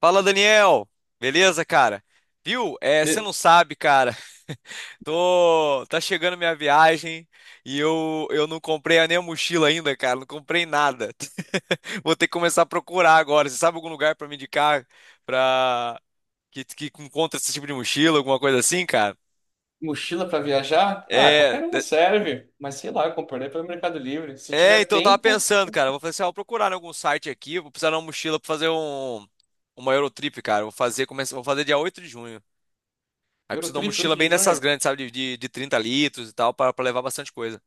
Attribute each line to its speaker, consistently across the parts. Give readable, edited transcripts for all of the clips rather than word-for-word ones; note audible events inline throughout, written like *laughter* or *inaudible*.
Speaker 1: Fala, Daniel. Beleza, cara? Viu? Você
Speaker 2: Me-
Speaker 1: não sabe, cara. *laughs* Tá chegando minha viagem e eu não comprei nem a mochila ainda, cara. Não comprei nada. *laughs* Vou ter que começar a procurar agora. Você sabe algum lugar pra me indicar pra que encontra esse tipo de mochila, alguma coisa assim, cara?
Speaker 2: Mochila para viajar? Ah,
Speaker 1: É,
Speaker 2: qualquer uma
Speaker 1: de-
Speaker 2: serve. Mas sei lá, eu comprei pelo Mercado Livre. Se tiver
Speaker 1: então eu tava
Speaker 2: tempo,
Speaker 1: pensando, cara. Eu vou fazer assim, vou procurar em algum site aqui. Vou precisar de uma mochila pra fazer uma Eurotrip, cara. Eu vou fazer, começa, vou fazer dia 8 de junho. Aí preciso de uma
Speaker 2: Eurotrip
Speaker 1: mochila
Speaker 2: 8 de
Speaker 1: bem dessas
Speaker 2: junho.
Speaker 1: grandes, sabe? De 30 litros e tal, para pra levar bastante coisa.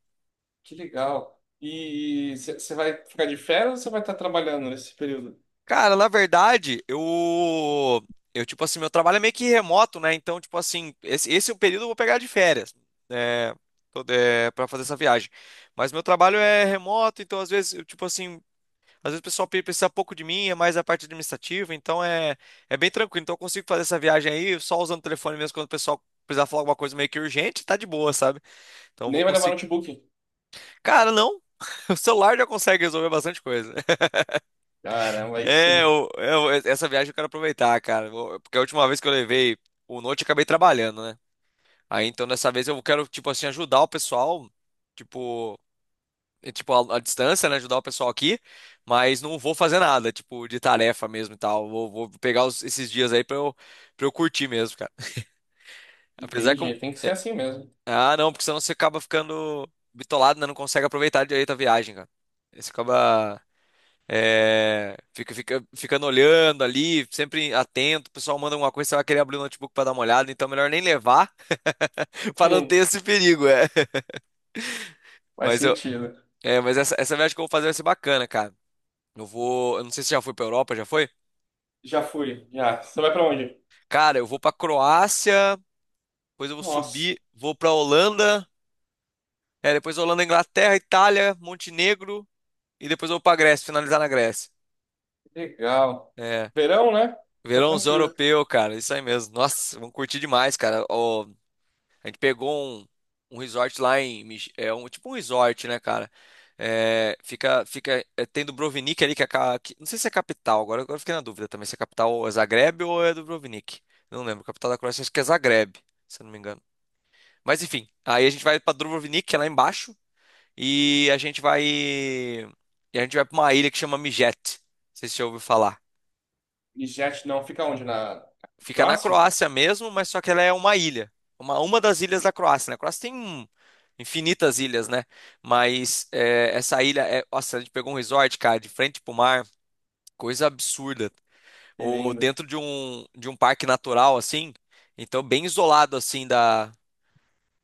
Speaker 2: Que legal. E você vai ficar de férias ou você vai estar trabalhando nesse período?
Speaker 1: Cara, na verdade, eu. Eu, tipo assim, meu trabalho é meio que remoto, né? Então, tipo assim, esse é o período que eu vou pegar de férias. É, pra fazer essa viagem. Mas meu trabalho é remoto, então às vezes, tipo assim, às vezes o pessoal precisa pouco de mim, é mais a parte administrativa, então é bem tranquilo. Então eu consigo fazer essa viagem aí só usando o telefone mesmo quando o pessoal precisar falar alguma coisa meio que urgente, tá de boa, sabe? Então eu vou
Speaker 2: Nem vai levar
Speaker 1: conseguir.
Speaker 2: notebook.
Speaker 1: Cara, não. *laughs* O celular já consegue resolver bastante coisa. *laughs*
Speaker 2: Caramba, aí sim.
Speaker 1: Essa viagem eu quero aproveitar, cara. Porque a última vez que eu levei o Note, eu acabei trabalhando, né? Aí então dessa vez eu quero, tipo assim, ajudar o pessoal, tipo, tipo a distância, né? Ajudar o pessoal aqui, mas não vou fazer nada, tipo, de tarefa mesmo e tal. Vou pegar esses dias aí pra eu curtir mesmo, cara. *laughs* Apesar que eu.
Speaker 2: Entendi. Tem que ser assim mesmo. *laughs*
Speaker 1: Ah, não, porque senão você acaba ficando bitolado, né? Não consegue aproveitar direito a viagem, cara. Você acaba. É, ficando olhando ali, sempre atento. O pessoal manda alguma coisa, você vai querer abrir o notebook para dar uma olhada, então é melhor nem levar *laughs* para não
Speaker 2: Hum,
Speaker 1: ter esse perigo, é.
Speaker 2: faz
Speaker 1: Mas eu,
Speaker 2: sentido.
Speaker 1: mas essa viagem que eu vou fazer vai ser bacana, cara. Eu não sei se já foi para Europa, já foi?
Speaker 2: Já fui, já. Você vai para onde?
Speaker 1: Cara, eu vou para Croácia, depois eu vou
Speaker 2: Nossa,
Speaker 1: subir, vou para Holanda, depois Holanda, Inglaterra, Itália, Montenegro e depois eu vou para Grécia, finalizar na Grécia.
Speaker 2: que legal.
Speaker 1: É.
Speaker 2: Verão, né? Tá
Speaker 1: Verãozão
Speaker 2: tranquilo.
Speaker 1: europeu, cara, isso aí mesmo. Nossa, vamos curtir demais, cara. Ó, A gente pegou um, um resort lá em. É um, tipo um resort, né, cara? Tem Dubrovnik ali, que é. Ca- que- não sei se é capital, agora eu fiquei na dúvida também se é capital é Zagreb ou é Dubrovnik. Não lembro, capital da Croácia acho que é Zagreb, se eu não me engano. Mas enfim, aí a gente vai pra Dubrovnik, que é lá embaixo, E a gente vai pra uma ilha que chama Mijet. Não sei se você já ouviu falar.
Speaker 2: E jet não fica onde? Na
Speaker 1: Fica na
Speaker 2: Croácia?
Speaker 1: Croácia mesmo, mas só que ela é uma ilha. Uma das ilhas da Croácia, né? A Croácia tem infinitas ilhas, né? Mas é, essa ilha é. Nossa, a gente pegou um resort, cara, de frente pro mar, coisa absurda.
Speaker 2: Que
Speaker 1: Ou
Speaker 2: lindo.
Speaker 1: dentro de de um parque natural, assim. Então, bem isolado, assim, da,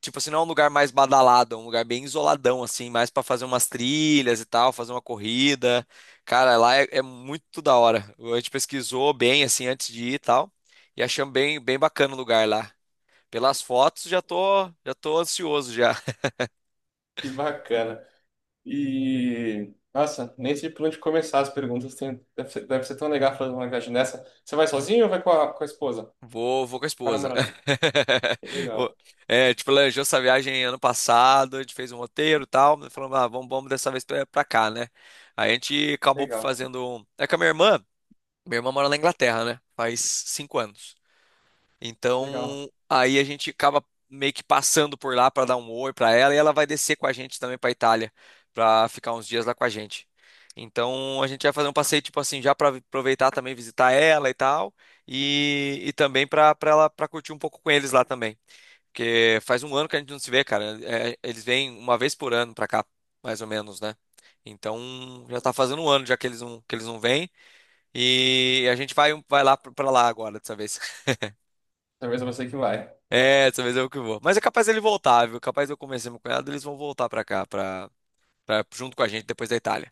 Speaker 1: tipo assim, não é um lugar mais badalado, é um lugar bem isoladão, assim, mais pra fazer umas trilhas e tal, fazer uma corrida. Cara, é muito da hora. A gente pesquisou bem, assim, antes de ir e tal. E achamos bem bacana o lugar lá. Pelas fotos, já tô ansioso já.
Speaker 2: Que bacana. E, nossa, nem sei por onde começar as perguntas. Tem, deve ser tão legal fazer uma viagem dessa. Você vai sozinho ou vai com a esposa?
Speaker 1: *laughs* Vou com a
Speaker 2: Com a
Speaker 1: esposa.
Speaker 2: namorada? Que
Speaker 1: *laughs* O-
Speaker 2: legal,
Speaker 1: É, tipo, planejou essa viagem ano passado, a gente fez um roteiro e tal, falando, ah, vamos dessa vez pra cá, né? Aí a gente acabou
Speaker 2: legal,
Speaker 1: fazendo. Um- É com a minha irmã. Minha irmã mora na Inglaterra, né? Faz 5 anos.
Speaker 2: legal.
Speaker 1: Então, aí a gente acaba meio que passando por lá para dar um oi para ela e ela vai descer com a gente também para Itália, para ficar uns dias lá com a gente. Então, a gente vai fazer um passeio tipo assim, já para aproveitar também visitar ela e tal, e também para ela para curtir um pouco com eles lá também, porque faz um ano que a gente não se vê, cara. É, eles vêm uma vez por ano para cá, mais ou menos, né? Então, já tá fazendo um ano já que eles não vêm. E a gente vai, vai lá pra lá agora, dessa vez. *laughs*
Speaker 2: Talvez é você que vai.
Speaker 1: É, dessa vez eu que vou. Mas é capaz ele voltar, viu? Capaz eu convencer meu cunhado, eles vão voltar pra cá, junto com a gente depois da Itália.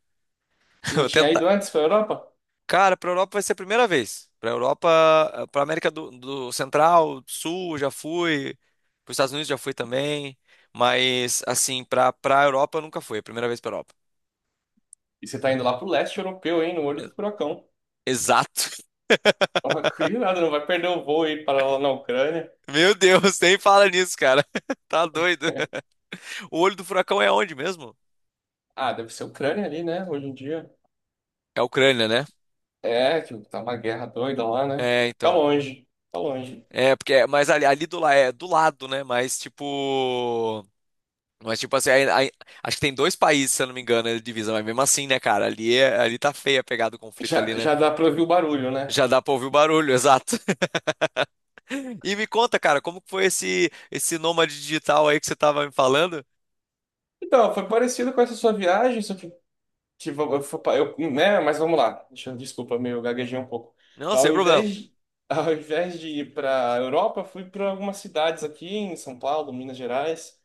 Speaker 1: *laughs*
Speaker 2: Você
Speaker 1: Eu
Speaker 2: já
Speaker 1: vou
Speaker 2: tinha
Speaker 1: tentar.
Speaker 2: ido antes para Europa?
Speaker 1: Cara, pra Europa vai ser a primeira vez. Pra Europa, pra América do Central, Sul, eu já fui. Pros Estados Unidos já fui também. Mas, assim, pra Europa eu nunca fui. É a primeira vez pra Europa.
Speaker 2: E você tá indo lá pro leste europeu, hein? No olho
Speaker 1: E-
Speaker 2: do furacão.
Speaker 1: Exato. *laughs*
Speaker 2: Toma *laughs* cuidado, não vai perder o voo e ir para lá na Ucrânia.
Speaker 1: Meu Deus, nem fala nisso, cara. *laughs* Tá doido.
Speaker 2: *laughs*
Speaker 1: O olho do furacão é onde mesmo?
Speaker 2: Ah, deve ser Ucrânia ali, né? Hoje em dia.
Speaker 1: É a Ucrânia, né?
Speaker 2: É, que tá uma guerra doida lá, né?
Speaker 1: É,
Speaker 2: Tá
Speaker 1: então.
Speaker 2: longe, tá longe.
Speaker 1: Mas ali é do lado, né? Mas tipo assim, acho que tem dois países, se eu não me engano, de divisa, mas mesmo assim, né, cara? Ali tá feia a pegada do conflito ali,
Speaker 2: Já,
Speaker 1: né?
Speaker 2: já dá pra ouvir o barulho, né?
Speaker 1: Já dá pra ouvir o barulho, *laughs* exato. E me conta, cara, como que foi esse nômade digital aí que você tava me falando?
Speaker 2: Então, foi parecido com essa sua viagem, só que tipo, eu, fui eu, né, mas vamos lá. Deixa eu- Desculpa, meio gaguejei um pouco.
Speaker 1: Não,
Speaker 2: Ao
Speaker 1: sem problema.
Speaker 2: invés de, *laughs* ao invés de ir para a Europa, fui para algumas cidades aqui em São Paulo, Minas Gerais.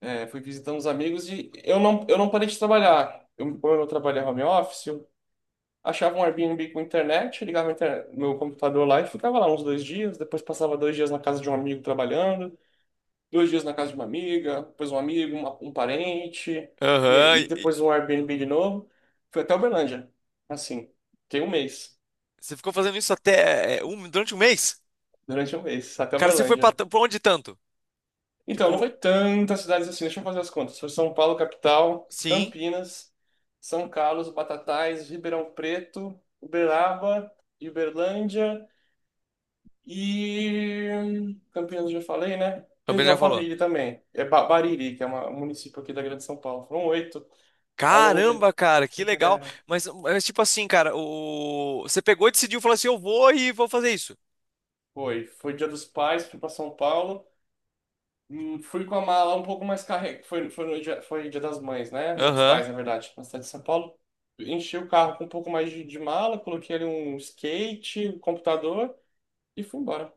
Speaker 2: É, fui visitando os amigos e eu não parei de trabalhar. Eu, como eu trabalhava home office, eu achava um Airbnb com internet, ligava a inter- meu computador lá e ficava lá uns dois dias. Depois passava dois dias na casa de um amigo trabalhando dois dias na casa de uma amiga, depois um amigo, uma- um parente, e
Speaker 1: Aham.
Speaker 2: aí
Speaker 1: E
Speaker 2: depois um Airbnb de novo. Fui até Uberlândia. Assim, tem um mês.
Speaker 1: você ficou fazendo isso até durante um mês?
Speaker 2: Durante um mês, até
Speaker 1: Cara, você foi
Speaker 2: Uberlândia.
Speaker 1: pra onde tanto?
Speaker 2: Então, não
Speaker 1: Tipo,
Speaker 2: foi tantas cidades assim, deixa eu fazer as contas. Foi São Paulo, capital,
Speaker 1: sim.
Speaker 2: Campinas, São Carlos, Batatais, Ribeirão Preto, Uberaba, Uberlândia e Campinas eu já falei, né?
Speaker 1: Também
Speaker 2: Teve
Speaker 1: já falou.
Speaker 2: Alphaville também. É Ba- Bariri, que é uma- um município aqui da Grande São Paulo. Foram oito ao longo de
Speaker 1: Caramba, cara, que legal.
Speaker 2: é,
Speaker 1: Mas tipo assim, cara, o... você pegou e decidiu, falou assim, eu vou e vou fazer isso.
Speaker 2: foi, foi Dia dos Pais, fui para São Paulo. Fui com a mala um pouco mais carregada. Foi, foi, no dia, foi Dia das Mães, né? Dia dos
Speaker 1: Aham.
Speaker 2: Pais, na
Speaker 1: *laughs*
Speaker 2: verdade, na cidade de São Paulo. Enchi o carro com um pouco mais de mala, coloquei ali um skate, um computador e fui embora.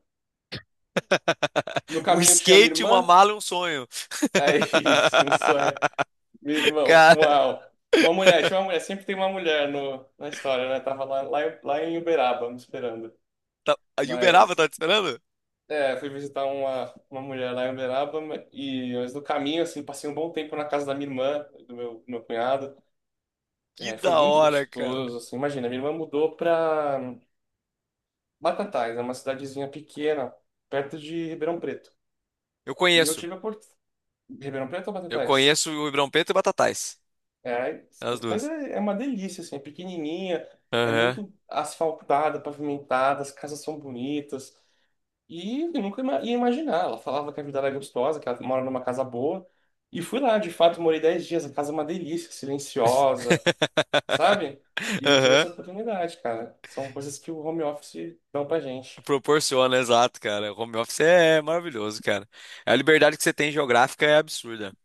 Speaker 2: No
Speaker 1: Um
Speaker 2: caminho tinha minha
Speaker 1: skate, uma
Speaker 2: irmã. *laughs*
Speaker 1: mala e um sonho.
Speaker 2: É isso, um sonho. Minha
Speaker 1: *laughs*
Speaker 2: irmã,
Speaker 1: Cara,
Speaker 2: uma mulher, tinha uma mulher, sempre tem uma mulher no, na história, né? Tava lá, lá em Uberaba me esperando.
Speaker 1: tá... a Uberaba
Speaker 2: Mas
Speaker 1: tá te esperando?
Speaker 2: é, fui visitar uma mulher lá em Uberaba ma- e mas no caminho, assim, passei um bom tempo na casa da minha irmã, do meu cunhado.
Speaker 1: Que
Speaker 2: É, foi
Speaker 1: da
Speaker 2: muito
Speaker 1: hora, cara.
Speaker 2: gostoso, assim, imagina, minha irmã mudou pra Batatais, é uma cidadezinha pequena, perto de Ribeirão Preto.
Speaker 1: Eu
Speaker 2: E eu
Speaker 1: conheço.
Speaker 2: tive a oportunidade... Ribeirão Preto ou
Speaker 1: Eu
Speaker 2: Batatais?
Speaker 1: conheço o Ribeirão Preto e Batatais.
Speaker 2: É,
Speaker 1: As
Speaker 2: Batatais
Speaker 1: duas.
Speaker 2: é, é uma delícia, assim, é pequenininha, é
Speaker 1: Aham.
Speaker 2: muito asfaltada, pavimentada, as casas são bonitas, e eu nunca ima- ia imaginar. Ela falava que a vida era gostosa, que ela mora numa casa boa. E fui lá, de fato, morei 10 dias. A casa é uma delícia, silenciosa,
Speaker 1: *laughs*
Speaker 2: sabe? E tive
Speaker 1: Aham.
Speaker 2: essa oportunidade, cara. São coisas que o home office dão pra gente.
Speaker 1: Proporciona, exato, cara. O home office é maravilhoso, cara. A liberdade que você tem geográfica é absurda.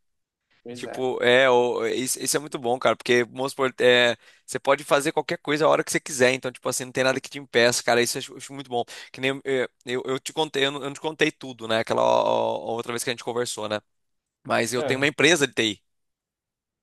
Speaker 2: Pois é.
Speaker 1: Tipo, isso, isso é muito bom, cara, porque, vamos supor, é, você pode fazer qualquer coisa a hora que você quiser, então, tipo assim, não tem nada que te impeça, cara, isso eu acho muito bom. Que nem, eu te contei, eu não te contei tudo, né, ó, outra vez que a gente conversou, né, mas eu tenho uma
Speaker 2: Ah,
Speaker 1: empresa de TI.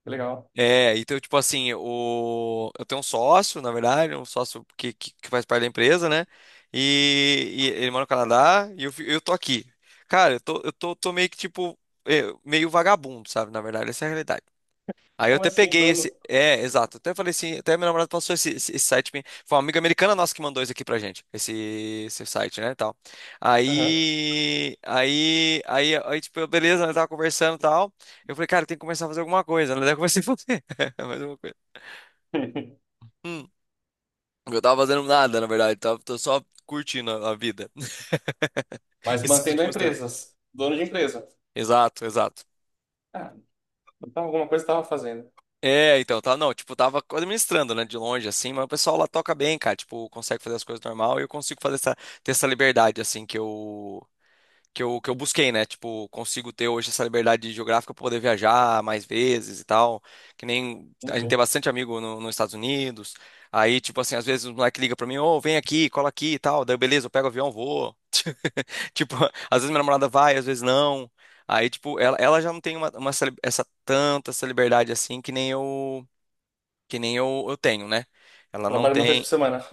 Speaker 2: legal.
Speaker 1: É, então, tipo assim, eu tenho um sócio, na verdade, um sócio que faz parte da empresa, né, e ele mora no Canadá, e eu tô aqui. Cara, tô meio que, tipo, meio vagabundo, sabe, na verdade, essa é a realidade. Aí eu
Speaker 2: Como
Speaker 1: até
Speaker 2: assim,
Speaker 1: peguei
Speaker 2: dono?
Speaker 1: esse. É, exato. Até falei assim, até minha namorada passou esse site. Pra mim. Foi uma amiga americana nossa que mandou isso aqui pra gente. Esse site, né? E tal.
Speaker 2: Aham.
Speaker 1: Tipo, eu, beleza, ela tava conversando e tal. Eu falei, cara, tem que começar a fazer alguma coisa. Ela daí comecei a fazer. *laughs* Mais uma coisa.
Speaker 2: *laughs*
Speaker 1: Hum. Eu tava fazendo nada, na verdade. Tô só curtindo a vida. *laughs*
Speaker 2: Mas
Speaker 1: Esses
Speaker 2: mantendo a
Speaker 1: últimos tempos.
Speaker 2: empresa, dono de empresa.
Speaker 1: Exato, exato.
Speaker 2: Ah, então alguma coisa estava fazendo.
Speaker 1: É, então, tá, não, tipo, tava administrando, né, de longe, assim, mas o pessoal lá toca bem, cara, tipo, consegue fazer as coisas normal e eu consigo fazer essa, ter essa liberdade, assim, que eu busquei, né, tipo, consigo ter hoje essa liberdade geográfica pra poder viajar mais vezes e tal, que nem, a gente tem
Speaker 2: Entendi.
Speaker 1: bastante amigo nos Estados Unidos, aí, tipo, assim, às vezes o moleque liga pra mim, ô, vem aqui, cola aqui e tal, daí, beleza, eu pego o avião, vou, *laughs* tipo, às vezes minha namorada vai, às vezes não, aí, tipo, ela já não tem essa tanta, essa liberdade, assim, que nem eu, eu tenho, né? Ela não
Speaker 2: Trabalho uma vez por
Speaker 1: tem.
Speaker 2: semana.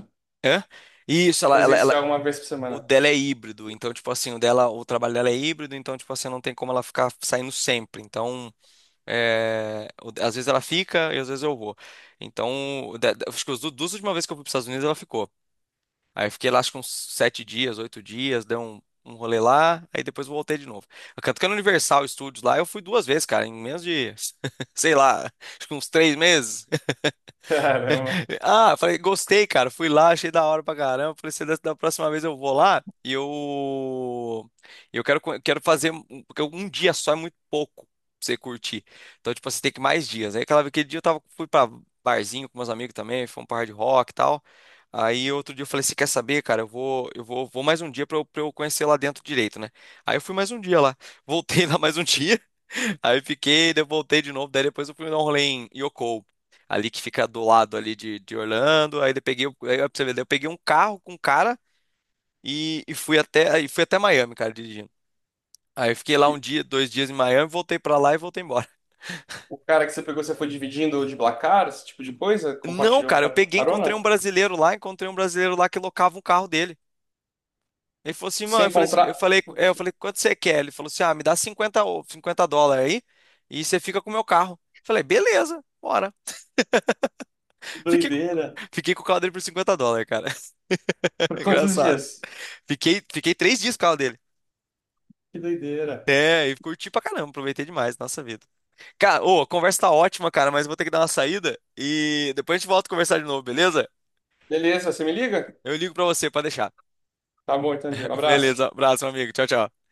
Speaker 1: Hã? Isso, ela-
Speaker 2: Presencial uma vez por
Speaker 1: o
Speaker 2: semana.
Speaker 1: dela é híbrido, então, tipo assim, o dela, o trabalho dela é híbrido, então, tipo assim, não tem como ela ficar saindo sempre. Então, às vezes ela fica e às vezes eu vou. Então, acho que as duas últimas vezes que eu fui para os Estados Unidos, ela ficou. Aí eu fiquei lá, acho que uns 7 dias, 8 dias, dei um rolê lá, aí depois voltei de novo. Tanto que no Universal Studios lá, eu fui 2 vezes, cara, em menos de, *laughs* sei lá, acho que uns 3 meses.
Speaker 2: *laughs* Caramba.
Speaker 1: Ah, falei, gostei, cara. Fui lá, achei da hora pra caramba. Falei, se da, da próxima vez eu vou lá e eu. Eu quero, quero fazer. Porque um dia só é muito pouco pra você curtir. Então, tipo, você tem que ir mais dias. Aí, aquele dia eu tava, fui pra barzinho com meus amigos também, foi um par de rock e tal. Aí, outro dia eu falei, você quer saber, cara? Eu vou, vou mais um dia pra eu conhecer lá dentro direito, né? Aí eu fui mais um dia lá. Voltei *laughs* lá mais um dia. *laughs* Aí fiquei, daí eu voltei de novo. Daí depois eu fui dar um rolê em Yoko ali que fica do lado ali de Orlando. Aí eu peguei, o- aí, ó, pra você ver, daí eu peguei um carro com um cara e fui até Miami, cara, dirigindo. Aí eu fiquei lá um dia, 2 dias em Miami, voltei pra lá e voltei embora.
Speaker 2: O cara que você pegou, você foi dividindo de Blacar, esse tipo de coisa?
Speaker 1: Não,
Speaker 2: Compartilhou
Speaker 1: cara, eu
Speaker 2: car-
Speaker 1: peguei, encontrei
Speaker 2: carona?
Speaker 1: um brasileiro lá, encontrei um brasileiro lá que locava um carro dele. Ele falou assim,
Speaker 2: Se
Speaker 1: mano, eu falei assim, eu
Speaker 2: encontrar.
Speaker 1: falei, eu
Speaker 2: Putz,
Speaker 1: falei, quanto você quer? Ele falou assim, ah, me dá 50 ou US$ 50 aí e você fica com o meu carro. Falei, beleza, bora.
Speaker 2: que
Speaker 1: Fiquei,
Speaker 2: doideira.
Speaker 1: fiquei com o carro dele por US$ 50, cara.
Speaker 2: *laughs*
Speaker 1: *laughs*
Speaker 2: Por quantos
Speaker 1: Engraçado.
Speaker 2: dias?
Speaker 1: Fiquei 3 dias com o carro dele.
Speaker 2: Que doideira.
Speaker 1: É, e curti pra caramba, aproveitei demais, nossa vida. Cara, ô, a conversa tá ótima, cara, mas eu vou ter que dar uma saída e depois a gente volta a conversar de novo, beleza?
Speaker 2: Beleza, você me liga?
Speaker 1: Eu ligo pra você pra deixar.
Speaker 2: Tá bom então, Diego.
Speaker 1: *laughs*
Speaker 2: Abraço.
Speaker 1: Beleza, abraço, meu amigo. Tchau, tchau.